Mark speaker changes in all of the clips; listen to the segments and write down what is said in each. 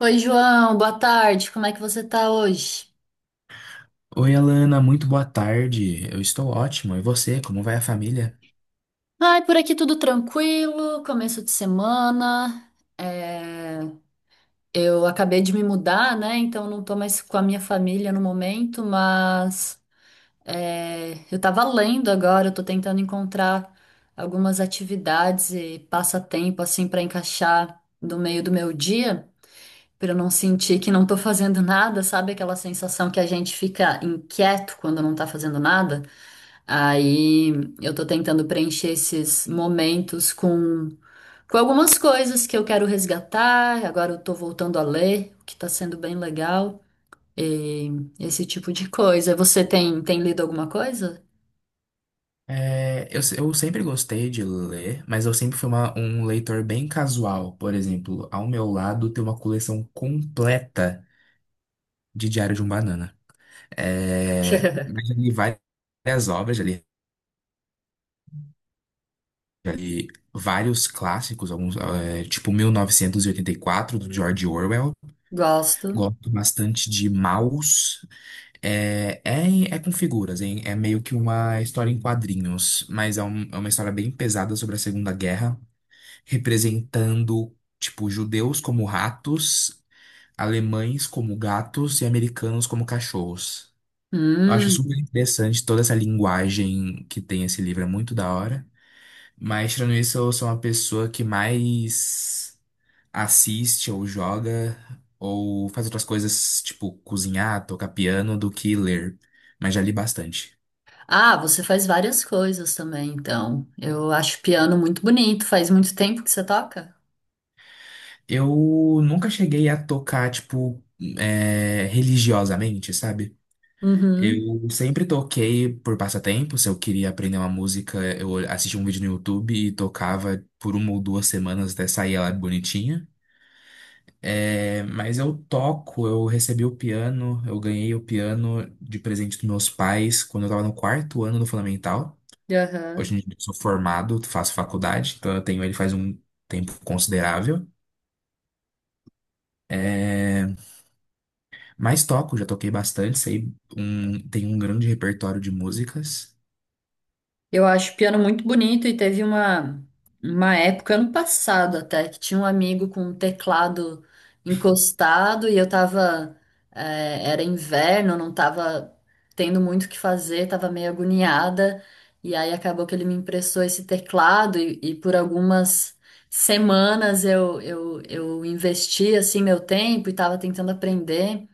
Speaker 1: Oi, João, boa tarde. Como é que você tá hoje?
Speaker 2: Oi, Alana, muito boa tarde. Eu estou ótimo. E você, como vai a família?
Speaker 1: Ai, por aqui tudo tranquilo, começo de semana. É, Eu acabei de me mudar, né? Então não tô mais com a minha família no momento, mas eu tava lendo agora, eu tô tentando encontrar algumas atividades e passatempo assim pra encaixar no meio do meu dia, pra eu não sentir que não tô fazendo nada, sabe? Aquela sensação que a gente fica inquieto quando não tá fazendo nada. Aí eu tô tentando preencher esses momentos com algumas coisas que eu quero resgatar. Agora eu tô voltando a ler, o que tá sendo bem legal. E esse tipo de coisa. Você tem lido alguma coisa?
Speaker 2: É, eu, se- eu sempre gostei de ler, mas eu sempre fui um leitor bem casual. Por exemplo, ao meu lado tem uma coleção completa de Diário de um Banana. É, mas eu li várias obras, já li vários clássicos, alguns, é, tipo 1984, do George Orwell.
Speaker 1: Gosto.
Speaker 2: Gosto bastante de Maus. É com figuras, hein? É meio que uma história em quadrinhos, mas é uma história bem pesada sobre a Segunda Guerra, representando, tipo, judeus como ratos, alemães como gatos e americanos como cachorros. Eu acho
Speaker 1: Hum.
Speaker 2: super interessante toda essa linguagem que tem esse livro, é muito da hora. Mas, tirando isso, eu sou uma pessoa que mais assiste ou joga ou faz outras coisas, tipo cozinhar, tocar piano, do que ler. Mas já li bastante.
Speaker 1: Ah, você faz várias coisas também, então. Eu acho piano muito bonito. Faz muito tempo que você toca?
Speaker 2: Eu nunca cheguei a tocar, tipo, é, religiosamente, sabe?
Speaker 1: Uhum.
Speaker 2: Eu sempre toquei por passatempo. Se eu queria aprender uma música, eu assistia um vídeo no YouTube e tocava por uma ou duas semanas até sair ela bonitinha. É, mas eu toco, eu ganhei o piano de presente dos meus pais quando eu tava no quarto ano do Fundamental. Hoje
Speaker 1: Aham.
Speaker 2: em dia eu sou formado, faço faculdade, então eu tenho ele faz um tempo considerável. É, mas toco, já toquei bastante, tenho um grande repertório de músicas.
Speaker 1: Eu acho o piano muito bonito e teve uma época, ano passado até, que tinha um amigo com um teclado encostado e eu tava. Era inverno, não tava tendo muito o que fazer, tava meio agoniada. E aí acabou que ele me emprestou esse teclado e por algumas semanas eu investi assim meu tempo e tava tentando aprender.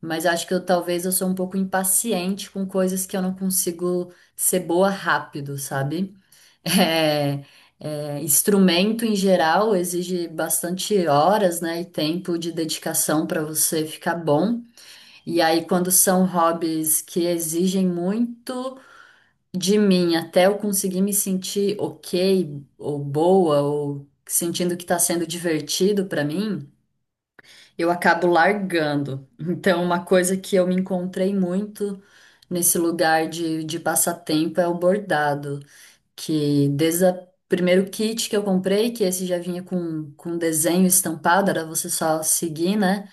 Speaker 1: Mas acho que eu talvez eu sou um pouco impaciente com coisas que eu não consigo ser boa rápido, sabe? É, é, instrumento em geral exige bastante horas, né, e tempo de dedicação para você ficar bom. E aí, quando são hobbies que exigem muito de mim, até eu conseguir me sentir ok, ou boa, ou sentindo que está sendo divertido para mim eu acabo largando. Então, uma coisa que eu me encontrei muito nesse lugar de passatempo é o bordado, que desde o primeiro kit que eu comprei, que esse já vinha com desenho estampado, era você só seguir, né,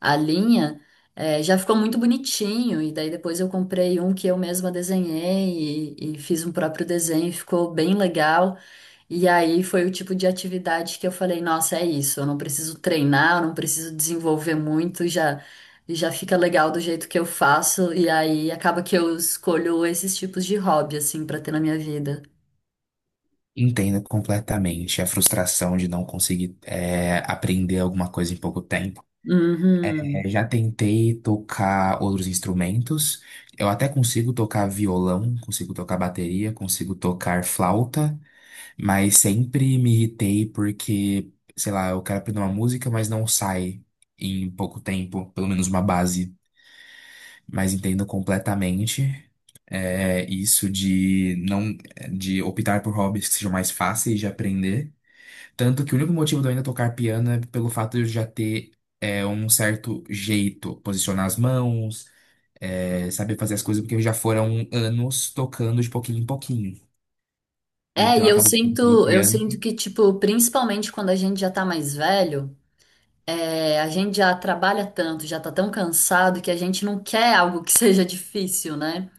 Speaker 1: a linha, já ficou muito bonitinho. E daí depois eu comprei um que eu mesma desenhei e fiz um próprio desenho, ficou bem legal. E aí foi o tipo de atividade que eu falei, nossa, é isso, eu não preciso treinar, eu não preciso desenvolver muito, já fica legal do jeito que eu faço, e aí acaba que eu escolho esses tipos de hobby assim pra ter na minha vida.
Speaker 2: Entendo completamente a frustração de não conseguir, é, aprender alguma coisa em pouco tempo. É,
Speaker 1: Uhum.
Speaker 2: já tentei tocar outros instrumentos. Eu até consigo tocar violão, consigo tocar bateria, consigo tocar flauta. Mas sempre me irritei porque, sei lá, eu quero aprender uma música, mas não sai em pouco tempo, pelo menos uma base. Mas entendo completamente, é, isso de não de optar por hobbies que sejam mais fáceis de aprender. Tanto que o único motivo de eu ainda tocar piano é pelo fato de eu já ter, é, um certo jeito, posicionar as mãos, é, saber fazer as coisas, porque já foram anos tocando de pouquinho em pouquinho.
Speaker 1: É,
Speaker 2: Então, eu acabo tocando
Speaker 1: eu
Speaker 2: piano.
Speaker 1: sinto que tipo, principalmente quando a gente já tá mais velho, é, a gente já trabalha tanto, já tá tão cansado que a gente não quer algo que seja difícil, né?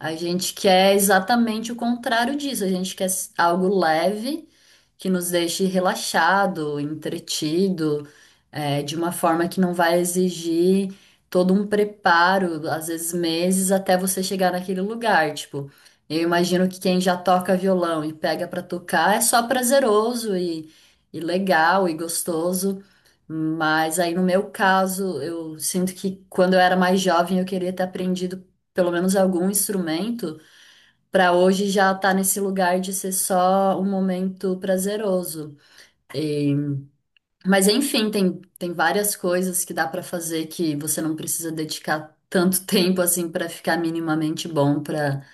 Speaker 1: A gente quer exatamente o contrário disso. A gente quer algo leve que nos deixe relaxado, entretido, de uma forma que não vai exigir todo um preparo, às vezes meses, até você chegar naquele lugar. Tipo, eu imagino que quem já toca violão e pega pra tocar é só prazeroso e legal e gostoso. Mas aí no meu caso, eu sinto que quando eu era mais jovem eu queria ter aprendido pelo menos algum instrumento, para hoje já tá nesse lugar de ser só um momento prazeroso. Mas enfim, tem várias coisas que dá para fazer que você não precisa dedicar tanto tempo assim para ficar minimamente bom,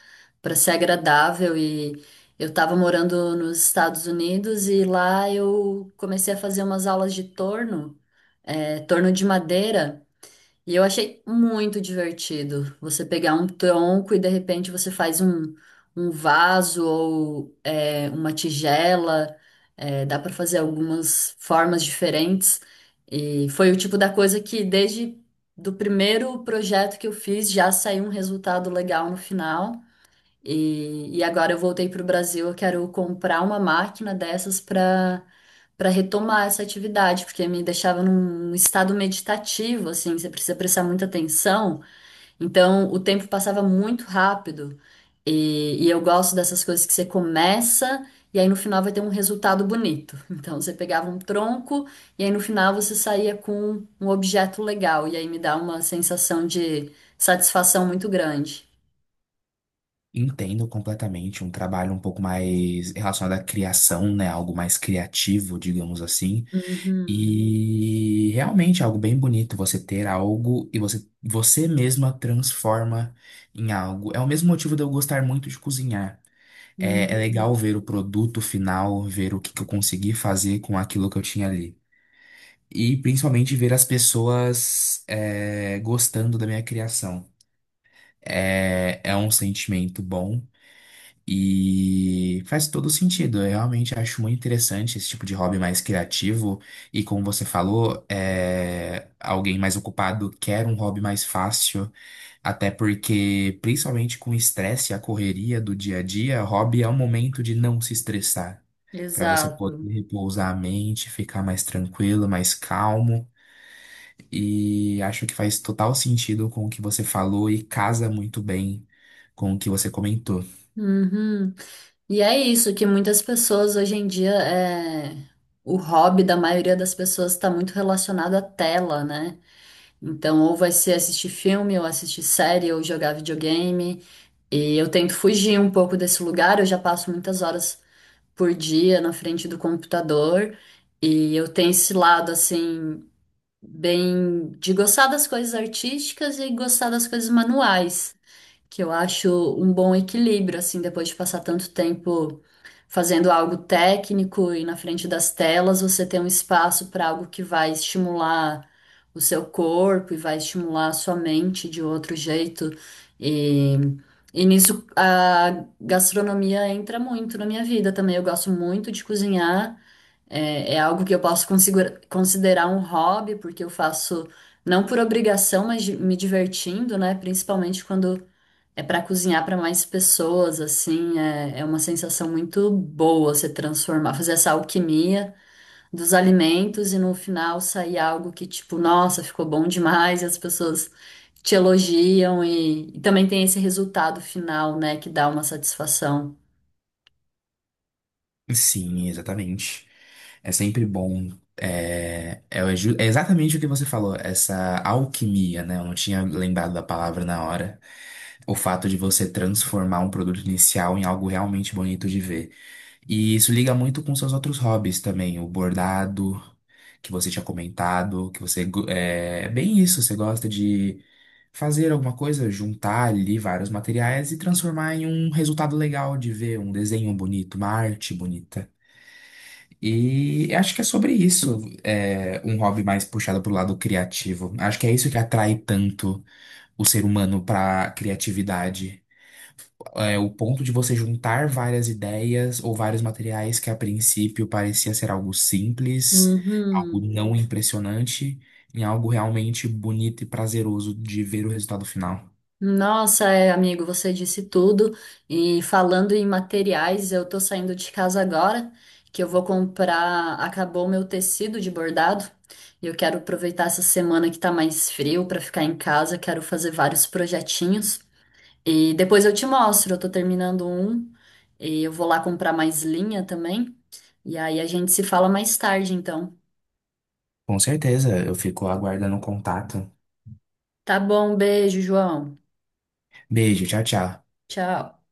Speaker 1: para ser agradável e eu tava morando nos Estados Unidos e lá eu comecei a fazer umas aulas de torno, é, torno de madeira. E eu achei muito divertido você pegar um tronco e de repente você faz um vaso ou é, uma tigela, é, dá para fazer algumas formas diferentes. E foi o tipo da coisa que desde do primeiro projeto que eu fiz já saiu um resultado legal no final. E agora eu voltei para o Brasil, eu quero comprar uma máquina dessas para retomar essa atividade, porque me deixava num estado meditativo, assim, você precisa prestar muita atenção. Então, o tempo passava muito rápido. E eu gosto dessas coisas que você começa e aí no final vai ter um resultado bonito. Então, você pegava um tronco e aí no final você saía com um objeto legal. E aí me dá uma sensação de satisfação muito grande.
Speaker 2: Entendo completamente um trabalho um pouco mais relacionado à criação, né? Algo mais criativo, digamos assim.
Speaker 1: Uhum,
Speaker 2: E realmente é algo bem bonito você ter algo e você mesma transforma em algo. É o mesmo motivo de eu gostar muito de cozinhar. É, é legal
Speaker 1: uhum.
Speaker 2: ver o produto final, ver o que que eu consegui fazer com aquilo que eu tinha ali. E principalmente ver as pessoas, é, gostando da minha criação. É, é um sentimento bom. E faz todo sentido. Eu realmente acho muito interessante esse tipo de hobby mais criativo. E como você falou, é, alguém mais ocupado quer um hobby mais fácil. Até porque, principalmente com o estresse e a correria do dia a dia, hobby é um momento de não se estressar. Para você
Speaker 1: Exato.
Speaker 2: poder repousar a mente, ficar mais tranquilo, mais calmo. E acho que faz total sentido com o que você falou e casa muito bem com o que você comentou.
Speaker 1: Uhum. E é isso que muitas pessoas hoje em dia é o hobby da maioria das pessoas está muito relacionado à tela, né? Então, ou vai ser assistir filme, ou assistir série, ou jogar videogame. E eu tento fugir um pouco desse lugar, eu já passo muitas horas por dia na frente do computador, e eu tenho esse lado assim bem de gostar das coisas artísticas e gostar das coisas manuais. Que eu acho um bom equilíbrio, assim, depois de passar tanto tempo fazendo algo técnico e na frente das telas, você ter um espaço para algo que vai estimular o seu corpo e vai estimular a sua mente de outro jeito. E, e nisso a gastronomia entra muito na minha vida também. Eu gosto muito de cozinhar. É, é algo que eu posso considerar um hobby, porque eu faço não por obrigação, mas me divertindo, né? Principalmente quando é para cozinhar para mais pessoas, assim, é, é uma sensação muito boa você transformar, fazer essa alquimia dos alimentos e no final sair algo que, tipo, nossa, ficou bom demais e as pessoas te elogiam e também tem esse resultado final, né, que dá uma satisfação.
Speaker 2: Sim, exatamente. É sempre bom. É exatamente o que você falou, essa alquimia, né? Eu não tinha lembrado da palavra na hora. O fato de você transformar um produto inicial em algo realmente bonito de ver. E isso liga muito com seus outros hobbies também, o bordado, que você tinha comentado, é, é bem isso, você gosta de fazer alguma coisa, juntar ali vários materiais e transformar em um resultado legal de ver, um desenho bonito, uma arte bonita. E acho que é sobre isso, é, um hobby mais puxado pro lado criativo. Acho que é isso que atrai tanto o ser humano para criatividade. É o ponto de você juntar várias ideias ou vários materiais que a princípio parecia ser algo simples, algo
Speaker 1: Uhum.
Speaker 2: não impressionante, em algo realmente bonito e prazeroso de ver o resultado final.
Speaker 1: Nossa, é, amigo, você disse tudo. E falando em materiais, eu tô saindo de casa agora, que eu vou comprar. Acabou o meu tecido de bordado. E eu quero aproveitar essa semana que tá mais frio pra ficar em casa. Quero fazer vários projetinhos. E depois eu te mostro. Eu tô terminando um. E eu vou lá comprar mais linha também. E aí a gente se fala mais tarde, então.
Speaker 2: Com certeza, eu fico aguardando o contato.
Speaker 1: Tá bom, beijo, João.
Speaker 2: Beijo, tchau, tchau.
Speaker 1: Tchau.